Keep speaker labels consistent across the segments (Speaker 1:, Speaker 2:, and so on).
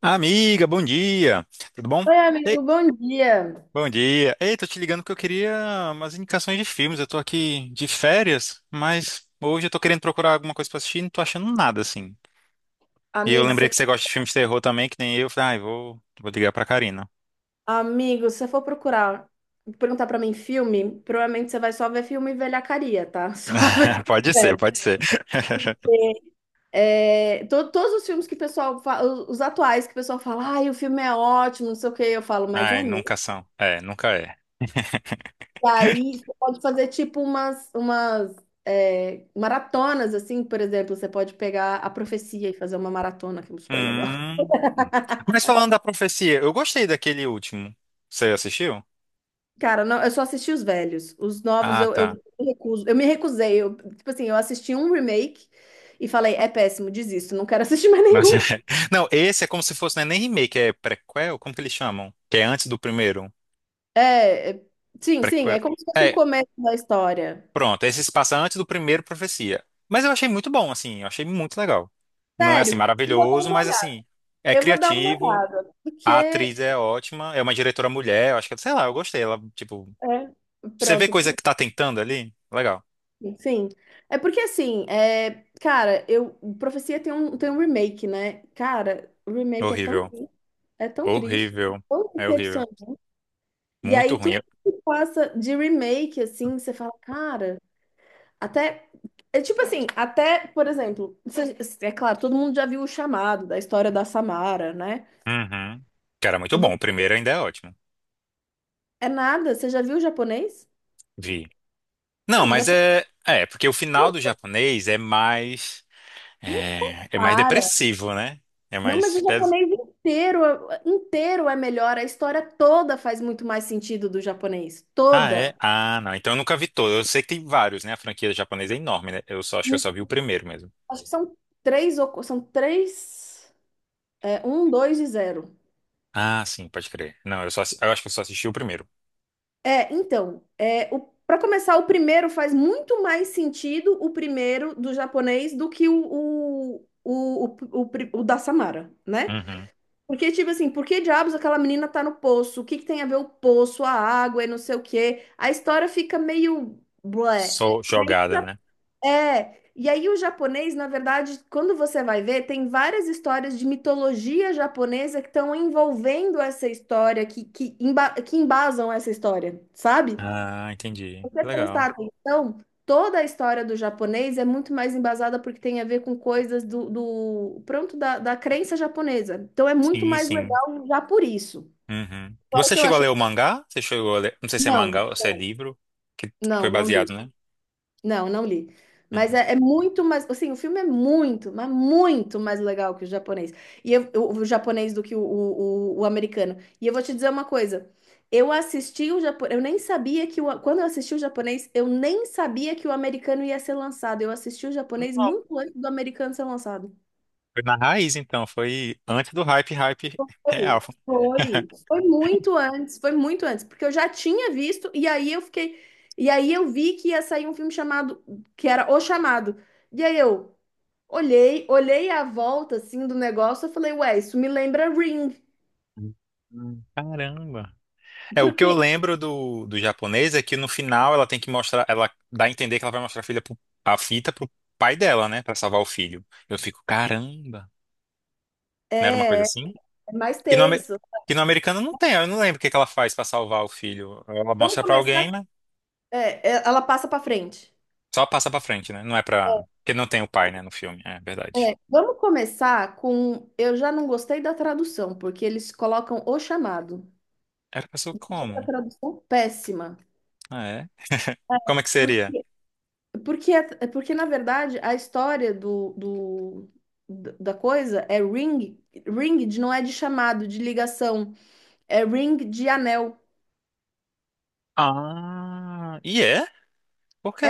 Speaker 1: Amiga, bom dia. Tudo bom?
Speaker 2: Oi,
Speaker 1: Ei,
Speaker 2: amigo, bom dia.
Speaker 1: bom dia. Ei, tô te ligando porque eu queria umas indicações de filmes. Eu tô aqui de férias, mas hoje eu tô querendo procurar alguma coisa pra assistir e não tô achando nada assim. E eu
Speaker 2: Amigo,
Speaker 1: lembrei
Speaker 2: você,
Speaker 1: que você gosta de filmes de terror também, que nem eu. Falei, ai, vou ligar pra Karina.
Speaker 2: amigo, se você for procurar, perguntar pra mim filme, provavelmente você vai só ver filme velhacaria, tá? Só ver filme
Speaker 1: Pode ser,
Speaker 2: velho.
Speaker 1: pode ser.
Speaker 2: É, todos os filmes que o pessoal fala, os atuais que o pessoal fala, ai, o filme é ótimo, não sei o que, eu falo, mas é
Speaker 1: Ai, nunca
Speaker 2: mesmo.
Speaker 1: são. É, nunca é.
Speaker 2: E aí você pode fazer tipo umas maratonas, assim, por exemplo, você pode pegar A Profecia e fazer uma maratona, que é super legal.
Speaker 1: Hum. Mas falando da profecia, eu gostei daquele último. Você assistiu?
Speaker 2: Cara, não, eu só assisti os velhos. Os novos
Speaker 1: Ah,
Speaker 2: eu
Speaker 1: tá.
Speaker 2: me recuso. Eu me recusei. Eu, tipo assim, eu assisti um remake e falei, é péssimo, desisto, não quero assistir mais
Speaker 1: Mas
Speaker 2: nenhum.
Speaker 1: Não, esse é como se fosse, não é nem remake, é prequel, como que eles chamam? Que é antes do primeiro.
Speaker 2: É, é- sim, sim,
Speaker 1: Prequel.
Speaker 2: é como se fosse o
Speaker 1: É,
Speaker 2: começo da história.
Speaker 1: pronto, esse se passa antes do primeiro Profecia. Mas eu achei muito bom, assim, eu achei muito legal. Não é assim
Speaker 2: Sério, eu vou dar
Speaker 1: maravilhoso,
Speaker 2: uma
Speaker 1: mas
Speaker 2: olhada.
Speaker 1: assim, é
Speaker 2: Eu vou dar uma
Speaker 1: criativo,
Speaker 2: olhada, porque
Speaker 1: a
Speaker 2: é,
Speaker 1: atriz é ótima, é uma diretora mulher, eu acho que, sei lá, eu gostei. Ela, tipo, você vê
Speaker 2: pronto,
Speaker 1: coisa que tá tentando ali? Legal.
Speaker 2: sim. É porque assim, é, cara, eu Profecia tem um remake, né? Cara, o remake é tão
Speaker 1: Horrível.
Speaker 2: triste, é tão triste, é
Speaker 1: Horrível.
Speaker 2: tão
Speaker 1: É horrível.
Speaker 2: decepcionante. E
Speaker 1: Muito
Speaker 2: aí tudo
Speaker 1: ruim.
Speaker 2: que passa de remake, assim, você fala, cara, até. É tipo assim, até, por exemplo, é claro, todo mundo já viu o chamado da história da Samara, né?
Speaker 1: Uhum. Cara, muito bom. O
Speaker 2: Vo-
Speaker 1: primeiro ainda é ótimo.
Speaker 2: É nada, você já viu o japonês?
Speaker 1: Vi. Não,
Speaker 2: Cara, o
Speaker 1: mas
Speaker 2: japonês
Speaker 1: é. É, porque o
Speaker 2: não
Speaker 1: final do japonês é mais.
Speaker 2: não se
Speaker 1: É, é mais
Speaker 2: compara.
Speaker 1: depressivo, né? É
Speaker 2: Não, mas
Speaker 1: mais.
Speaker 2: o japonês inteiro, inteiro é melhor. A história toda faz muito mais sentido do japonês.
Speaker 1: Ah, é?
Speaker 2: Toda.
Speaker 1: Ah, não. Então eu nunca vi todo. Eu sei que tem vários, né? A franquia japonesa é enorme, né? Eu só acho que eu só vi o primeiro mesmo.
Speaker 2: Acho que são três, um, dois e zero.
Speaker 1: Ah, sim, pode crer. Não, eu só, eu acho que eu só assisti o primeiro.
Speaker 2: É, então, é, para começar, o primeiro faz muito mais sentido, o primeiro do japonês, do que o da Samara, né?
Speaker 1: Uhum.
Speaker 2: Porque, tipo assim, por que diabos aquela menina tá no poço? O que que tem a ver o poço, a água e não sei o quê? A história fica meio blé.
Speaker 1: Só
Speaker 2: E aí,
Speaker 1: jogada, né?
Speaker 2: e aí o japonês, na verdade, quando você vai ver, tem várias histórias de mitologia japonesa que estão envolvendo essa história, que embasam essa história, sabe?
Speaker 1: Ah, entendi.
Speaker 2: Se você
Speaker 1: Que legal.
Speaker 2: prestar atenção, toda a história do japonês é muito mais embasada porque tem a ver com coisas do, do pronto, da, da crença japonesa. Então é muito
Speaker 1: Sim,
Speaker 2: mais
Speaker 1: sim.
Speaker 2: legal já por isso.
Speaker 1: Uhum.
Speaker 2: Fora
Speaker 1: Você
Speaker 2: que eu
Speaker 1: chegou a
Speaker 2: acho.
Speaker 1: ler o mangá? Você chegou a ler... Não sei se é mangá
Speaker 2: Não,
Speaker 1: ou se é
Speaker 2: não,
Speaker 1: livro, que foi
Speaker 2: não, não
Speaker 1: baseado,
Speaker 2: li.
Speaker 1: né?
Speaker 2: Não, não li. Mas
Speaker 1: Uhum.
Speaker 2: é muito mais. Assim, o filme é muito, mas muito mais legal que o japonês. E eu, o japonês do que o americano. E eu vou te dizer uma coisa. Eu assisti o japonês. Eu nem sabia que o. Quando eu assisti o japonês, eu nem sabia que o americano ia ser lançado. Eu assisti o japonês muito antes do americano ser lançado.
Speaker 1: Foi na raiz, então. Foi antes do hype, hype real.
Speaker 2: Foi, foi. Foi muito antes, porque eu já tinha visto, e aí eu fiquei. E aí eu vi que ia sair um filme chamado, que era O Chamado. E aí eu. Olhei, olhei a volta assim do negócio, eu falei, ué, isso me lembra Ring,
Speaker 1: Caramba. É, o que eu
Speaker 2: porque
Speaker 1: lembro do japonês é que no final ela tem que mostrar, ela dá a entender que ela vai mostrar a filha a fita pro pai dela, né? Pra salvar o filho. Eu fico, caramba. Não era uma coisa
Speaker 2: é
Speaker 1: assim?
Speaker 2: mais
Speaker 1: Que no,
Speaker 2: tenso.
Speaker 1: que no americano não tem, eu não lembro o que que ela faz pra salvar o filho. Ela
Speaker 2: Vamos
Speaker 1: mostra pra
Speaker 2: começar.
Speaker 1: alguém, né?
Speaker 2: Ela passa pra frente.
Speaker 1: Só passa pra frente, né? Não é pra. Porque não tem o pai, né, no filme. É verdade.
Speaker 2: É, vamos começar com. Eu já não gostei da tradução, porque eles colocam o chamado.
Speaker 1: Era pessoa
Speaker 2: Achei a
Speaker 1: como?
Speaker 2: tradução péssima.
Speaker 1: Ah, é? Como é que
Speaker 2: Por-
Speaker 1: seria?
Speaker 2: Porque, porque na verdade, a história da coisa é ring, ring de, não é de chamado, de ligação, é ring de anel.
Speaker 1: Ah, e é? Por quê?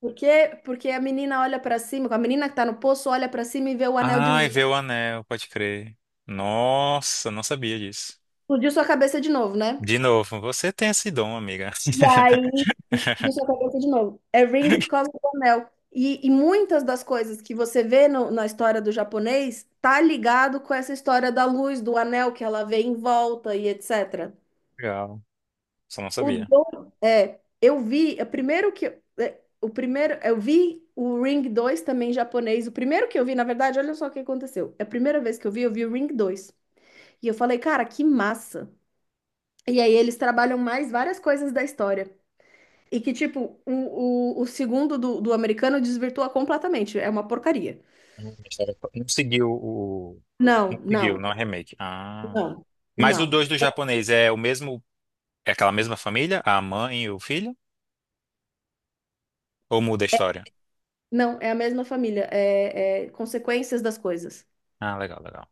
Speaker 2: Porque a menina olha pra cima, a menina que tá no poço olha pra cima e vê o anel de
Speaker 1: Ai,
Speaker 2: luz.
Speaker 1: vê o anel, pode crer. Nossa, não sabia disso.
Speaker 2: Explodiu sua cabeça de novo, né?
Speaker 1: De novo, você tem esse dom, amiga.
Speaker 2: E aí, explodiu sua cabeça de novo. É ring por causa do anel. E muitas das coisas que você vê na história do japonês tá ligado com essa história da luz, do anel que ela vê em volta e etc.
Speaker 1: Legal, só não
Speaker 2: O
Speaker 1: sabia.
Speaker 2: do, é, eu vi, é, primeiro que é, o primeiro, eu vi o Ring 2 também em japonês. O primeiro que eu vi, na verdade, olha só o que aconteceu. É a primeira vez que eu vi o Ring dois. E eu falei, cara, que massa. E aí eles trabalham mais várias coisas da história. E que, tipo, o segundo do americano desvirtua completamente. É uma porcaria.
Speaker 1: A Não seguiu o. Não
Speaker 2: Não, não,
Speaker 1: seguiu, não é remake. Ah.
Speaker 2: não,
Speaker 1: Mas o
Speaker 2: não.
Speaker 1: 2 do japonês é o mesmo. É aquela mesma família? A mãe e o filho? Ou muda a história?
Speaker 2: Não, é a mesma família. É, é consequências das coisas.
Speaker 1: Ah, legal, legal.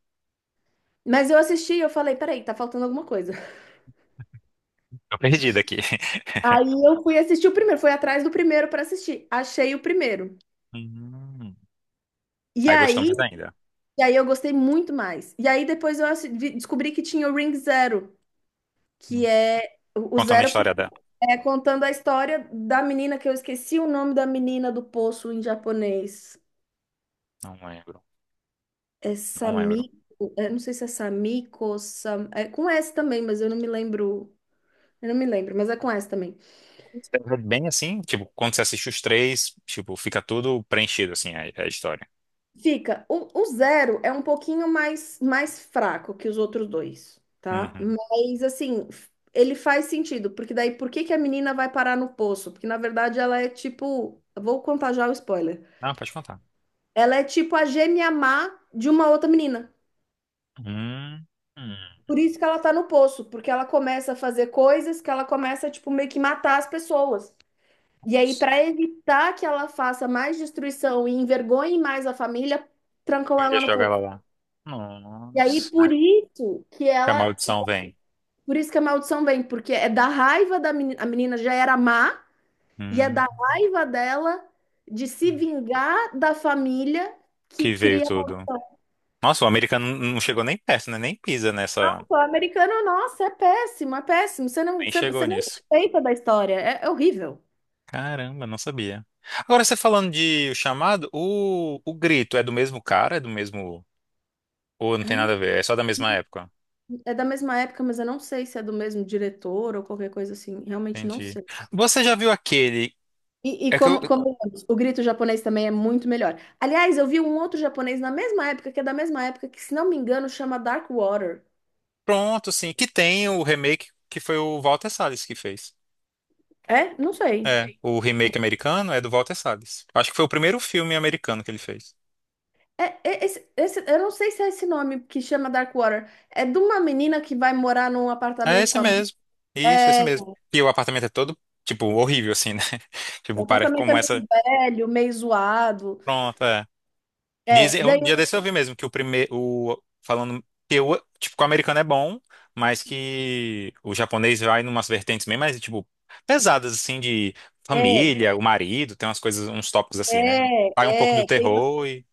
Speaker 2: Mas eu assisti e eu falei, peraí, tá faltando alguma coisa.
Speaker 1: Tô perdido aqui.
Speaker 2: Aí eu fui assistir o primeiro, fui atrás do primeiro pra assistir. Achei o primeiro.
Speaker 1: Hum.
Speaker 2: E
Speaker 1: Aí gostou
Speaker 2: aí,
Speaker 1: mais ainda.
Speaker 2: e aí eu gostei muito mais. E aí depois eu descobri que tinha o Ring Zero, que
Speaker 1: Hum.
Speaker 2: é o
Speaker 1: Contando a
Speaker 2: zero por
Speaker 1: história dela.
Speaker 2: cento. É contando a história da menina que eu esqueci o nome da menina do poço em japonês.
Speaker 1: Não lembro,
Speaker 2: É
Speaker 1: não lembro.
Speaker 2: Samiko, eu não sei se é Samiko, Sam, é com S também, mas eu não me lembro. Eu não me lembro, mas é com S também.
Speaker 1: É bem assim, tipo, quando você assiste os três, tipo, fica tudo preenchido, assim, a história.
Speaker 2: Fica, o zero é um pouquinho mais, mais fraco que os outros dois, tá?
Speaker 1: Uhum.
Speaker 2: Mas assim, ele faz sentido, porque daí por que que a menina vai parar no poço? Porque na verdade ela é tipo, vou contar já o spoiler.
Speaker 1: Não, pode contar.
Speaker 2: Ela é tipo a gêmea má de uma outra menina.
Speaker 1: Hum. Hum.
Speaker 2: Por isso que ela tá no poço, porque ela começa a fazer coisas que ela começa, tipo, meio que matar as pessoas. E aí, para evitar que ela faça mais destruição e envergonhe mais a família, trancam
Speaker 1: Eu ia
Speaker 2: ela no
Speaker 1: jogar ela
Speaker 2: poço.
Speaker 1: lá.
Speaker 2: E aí,
Speaker 1: Nossa.
Speaker 2: por isso que
Speaker 1: Que a
Speaker 2: ela.
Speaker 1: maldição vem.
Speaker 2: Por isso que a maldição vem, porque é da raiva da menina. A menina já era má, e é
Speaker 1: Hum.
Speaker 2: da raiva dela de se vingar da família que
Speaker 1: Que veio
Speaker 2: cria.
Speaker 1: tudo. Nossa, o americano não chegou nem perto, né? Nem pisa nessa.
Speaker 2: Nossa, o americano, nossa, é péssimo, é péssimo. Você não,
Speaker 1: Nem
Speaker 2: você,
Speaker 1: chegou
Speaker 2: você não
Speaker 1: nisso.
Speaker 2: respeita da história. É, é horrível.
Speaker 1: Caramba, não sabia. Agora você falando de O Chamado, o Grito é do mesmo cara? É do mesmo. Ou não tem
Speaker 2: Ai, não-
Speaker 1: nada a ver? É só da mesma época?
Speaker 2: É da mesma época, mas eu não sei se é do mesmo diretor ou qualquer coisa assim. Realmente não
Speaker 1: Entendi.
Speaker 2: sei.
Speaker 1: Você já viu aquele.
Speaker 2: E
Speaker 1: É que eu-
Speaker 2: como, como o grito japonês também é muito melhor. Aliás, eu vi um outro japonês na mesma época, que é da mesma época, que, se não me engano, chama Dark Water.
Speaker 1: Pronto, sim, que tem o remake que foi o Walter Salles que fez.
Speaker 2: É? Não sei.
Speaker 1: É, o remake americano é do Walter Salles. Acho que foi o primeiro filme americano que ele fez.
Speaker 2: Esse, eu não sei se é esse nome que chama Dark Water. É de uma menina que vai morar num
Speaker 1: É
Speaker 2: apartamento
Speaker 1: esse
Speaker 2: com a mãe.
Speaker 1: mesmo. Isso, esse
Speaker 2: É,
Speaker 1: mesmo. E o apartamento é todo, tipo, horrível, assim, né?
Speaker 2: o
Speaker 1: Tipo, para
Speaker 2: apartamento é
Speaker 1: como essa.
Speaker 2: meio velho, meio zoado.
Speaker 1: Pronto, é.
Speaker 2: É,
Speaker 1: Dizem, um
Speaker 2: daí
Speaker 1: dia desse eu vi mesmo que o primeiro, o, falando que o, tipo, que o americano é bom, mas que o japonês vai numas vertentes bem mais, tipo, pesadas, assim, de
Speaker 2: é,
Speaker 1: família, o marido, tem umas coisas, uns tópicos assim, né? Vai um pouco do
Speaker 2: tem
Speaker 1: terror e...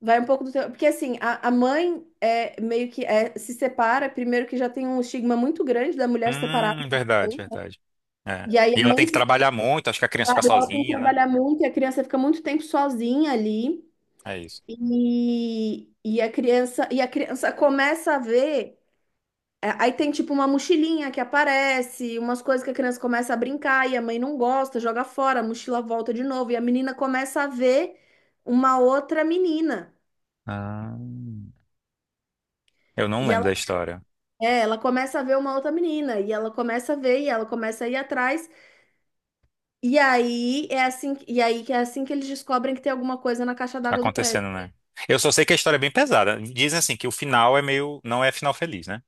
Speaker 2: vai um pouco do teu, porque assim, a mãe é meio que é, se separa, primeiro que já tem um estigma muito grande da mulher separada,
Speaker 1: Verdade, verdade. É.
Speaker 2: e aí
Speaker 1: E
Speaker 2: a
Speaker 1: ela tem
Speaker 2: mãe
Speaker 1: que
Speaker 2: se
Speaker 1: trabalhar muito, acho que a criança
Speaker 2: separa,
Speaker 1: fica
Speaker 2: ela tem que
Speaker 1: sozinha, né?
Speaker 2: trabalhar muito e a criança fica muito tempo sozinha ali.
Speaker 1: É isso.
Speaker 2: E a criança começa a ver. É, aí tem tipo uma mochilinha que aparece, umas coisas que a criança começa a brincar e a mãe não gosta, joga fora, a mochila volta de novo e a menina começa a ver uma outra menina.
Speaker 1: Ah, eu não
Speaker 2: E
Speaker 1: lembro
Speaker 2: ela,
Speaker 1: da história.
Speaker 2: é, ela começa a ver uma outra menina e ela começa a ver e ela começa a ir atrás. E aí é assim, e aí que é assim que eles descobrem que tem alguma coisa na caixa
Speaker 1: Tá
Speaker 2: d'água do
Speaker 1: acontecendo,
Speaker 2: prédio.
Speaker 1: né? Eu só sei que a história é bem pesada. Dizem assim que o final é meio. Não é final feliz, né?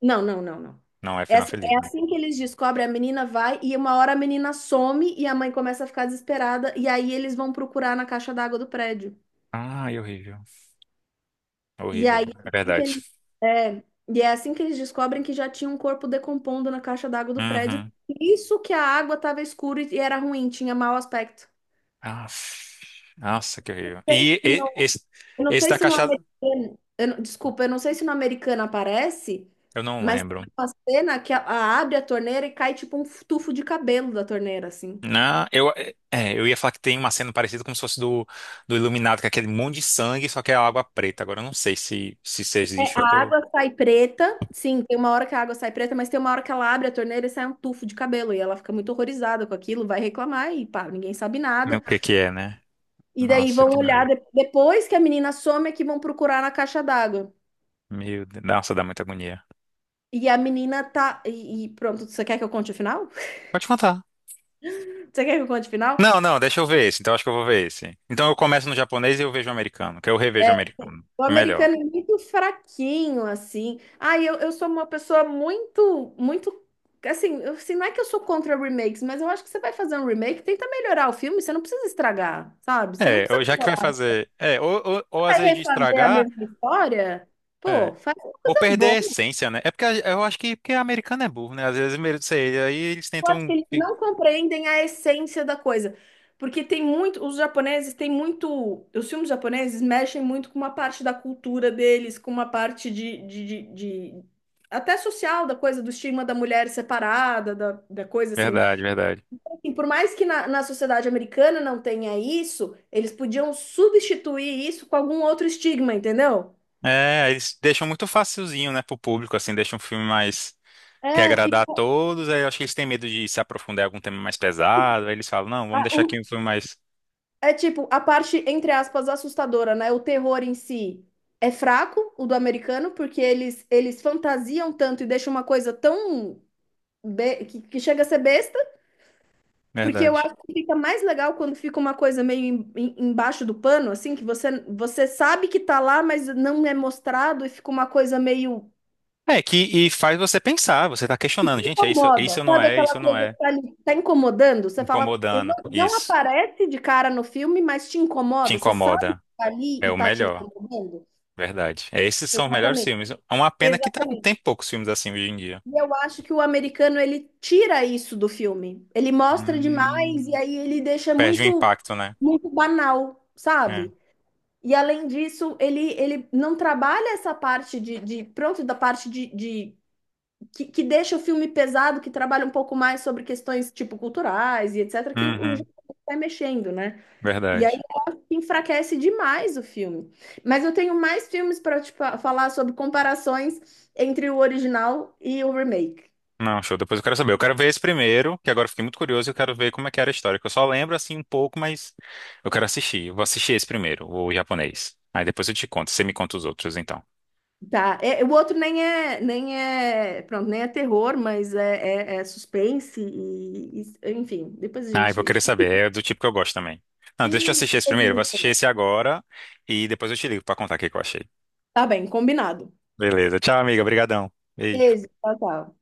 Speaker 2: Não, não, não, não.
Speaker 1: Não é final feliz,
Speaker 2: É
Speaker 1: né?
Speaker 2: assim que eles descobrem, a menina vai e uma hora a menina some e a mãe começa a ficar desesperada e aí eles vão procurar na caixa d'água do prédio.
Speaker 1: Ai, horrível. É
Speaker 2: E
Speaker 1: horrível.
Speaker 2: aí,
Speaker 1: É verdade.
Speaker 2: é, e é assim que eles descobrem que já tinha um corpo decompondo na caixa d'água do prédio.
Speaker 1: Uhum.
Speaker 2: Isso que a água estava escura e era ruim, tinha mau aspecto.
Speaker 1: Aff. Nossa, que horrível.
Speaker 2: Sei se no-
Speaker 1: Esse,
Speaker 2: Eu não
Speaker 1: esse
Speaker 2: sei
Speaker 1: da
Speaker 2: se no
Speaker 1: caixa.
Speaker 2: americano, eu desculpa, eu não sei se no americano aparece,
Speaker 1: Eu não
Speaker 2: mas tem
Speaker 1: lembro.
Speaker 2: uma cena que a, abre a torneira e cai tipo um tufo de cabelo da torneira, assim.
Speaker 1: Não, eu, é, eu ia falar que tem uma cena parecida como se fosse do Iluminado, que é aquele monte de sangue, só que é água preta. Agora eu não sei se, se isso
Speaker 2: É,
Speaker 1: existe, eu
Speaker 2: a
Speaker 1: tô.
Speaker 2: água sai preta, sim, tem uma hora que a água sai preta, mas tem uma hora que ela abre a torneira e sai um tufo de cabelo, e ela fica muito horrorizada com aquilo, vai reclamar e pá, ninguém sabe
Speaker 1: Não, o
Speaker 2: nada.
Speaker 1: que que é, né?
Speaker 2: E daí
Speaker 1: Nossa,
Speaker 2: vão
Speaker 1: que
Speaker 2: olhar
Speaker 1: nojo.
Speaker 2: depois que a menina some é que vão procurar na caixa d'água.
Speaker 1: Meu Deus. Nossa, dá muita agonia.
Speaker 2: E a menina tá. E pronto, você quer que eu conte o final?
Speaker 1: Pode contar.
Speaker 2: Você quer que eu conte o final?
Speaker 1: Não, não, deixa eu ver esse. Então acho que eu vou ver esse. Então eu começo no japonês e eu vejo o americano, que eu revejo
Speaker 2: É,
Speaker 1: o americano.
Speaker 2: o
Speaker 1: É melhor.
Speaker 2: americano é muito fraquinho, assim. Ah, eu sou uma pessoa muito, muito. Assim, eu, assim, não é que eu sou contra remakes, mas eu acho que você vai fazer um remake, tenta melhorar o filme, você não precisa estragar, sabe? Você não
Speaker 1: É,
Speaker 2: precisa
Speaker 1: ou já que vai
Speaker 2: piorar.
Speaker 1: fazer. É, ou às
Speaker 2: Vai
Speaker 1: vezes de
Speaker 2: refazer a
Speaker 1: estragar,
Speaker 2: mesma história?
Speaker 1: é,
Speaker 2: Pô, faz uma
Speaker 1: ou
Speaker 2: coisa
Speaker 1: perder a
Speaker 2: boa.
Speaker 1: essência, né? É porque eu acho que porque americano é burro, né? Às vezes, mesmo, sei, aí eles
Speaker 2: Eu acho que
Speaker 1: tentam.
Speaker 2: eles não compreendem a essência da coisa. Porque tem muito, os japoneses têm muito, os filmes japoneses mexem muito com uma parte da cultura deles, com uma parte de, até social da coisa, do estigma da mulher separada, da, da coisa assim.
Speaker 1: Verdade, verdade.
Speaker 2: Assim, por mais que na, na sociedade americana não tenha isso, eles podiam substituir isso com algum outro estigma, entendeu?
Speaker 1: É, eles deixam muito facilzinho, né, pro público, assim, deixam um filme mais. Quer
Speaker 2: É,
Speaker 1: agradar
Speaker 2: fica.
Speaker 1: a todos, aí eu acho que eles têm medo de se aprofundar em algum tema mais pesado, aí eles falam, não, vamos deixar aqui um filme mais.
Speaker 2: É tipo, a parte, entre aspas, assustadora, né? O terror em si é fraco, o do americano, porque eles fantasiam tanto e deixam uma coisa tão. Que chega a ser besta, porque eu
Speaker 1: Verdade.
Speaker 2: acho que fica mais legal quando fica uma coisa meio embaixo do pano, assim, que você, você sabe que tá lá, mas não é mostrado e fica uma coisa meio.
Speaker 1: É, que e faz você pensar, você tá questionando, gente, é isso,
Speaker 2: Incomoda,
Speaker 1: isso não
Speaker 2: sabe
Speaker 1: é,
Speaker 2: aquela
Speaker 1: isso não
Speaker 2: coisa
Speaker 1: é.
Speaker 2: que tá ali, tá incomodando? Você fala, eu não,
Speaker 1: Incomodando,
Speaker 2: não
Speaker 1: isso.
Speaker 2: aparece de cara no filme, mas te
Speaker 1: Te
Speaker 2: incomoda, você sabe que
Speaker 1: incomoda.
Speaker 2: tá ali
Speaker 1: É
Speaker 2: e
Speaker 1: o
Speaker 2: tá te
Speaker 1: melhor.
Speaker 2: incomodando?
Speaker 1: Verdade. É, esses são os melhores
Speaker 2: Exatamente.
Speaker 1: filmes. É uma pena que
Speaker 2: Exatamente.
Speaker 1: tem poucos filmes assim hoje em dia.
Speaker 2: E eu acho que o americano ele tira isso do filme. Ele mostra demais e
Speaker 1: Hum.
Speaker 2: aí ele deixa
Speaker 1: Perde o
Speaker 2: muito
Speaker 1: impacto, né?
Speaker 2: muito banal,
Speaker 1: É.
Speaker 2: sabe? E além disso, ele não trabalha essa parte de pronto, da parte de que deixa o filme pesado, que trabalha um pouco mais sobre questões tipo culturais e etc, que o
Speaker 1: Uhum.
Speaker 2: japonês vai mexendo, né?
Speaker 1: Verdade.
Speaker 2: Enfraquece demais o filme. Mas eu tenho mais filmes para te falar sobre comparações entre o original e o remake.
Speaker 1: Não, show. Depois eu quero saber. Eu quero ver esse primeiro, que agora eu fiquei muito curioso e eu quero ver como é que era a história. Que eu só lembro assim um pouco, mas eu quero assistir. Eu vou assistir esse primeiro, o japonês. Aí depois eu te conto. Você me conta os outros, então.
Speaker 2: Tá. É, o outro nem é, nem é, pronto, nem é terror, mas é, é, é suspense e, enfim, depois a
Speaker 1: Ah, eu vou querer
Speaker 2: gente...
Speaker 1: saber. É do tipo que eu gosto também. Não, deixa eu assistir esse
Speaker 2: Depois a
Speaker 1: primeiro. Eu vou
Speaker 2: gente
Speaker 1: assistir
Speaker 2: conversa.
Speaker 1: esse agora e depois eu te ligo pra contar o que que eu achei.
Speaker 2: Tá bem, combinado.
Speaker 1: Beleza. Tchau, amiga. Obrigadão. Beijo.
Speaker 2: Beijo, tchau, tchau.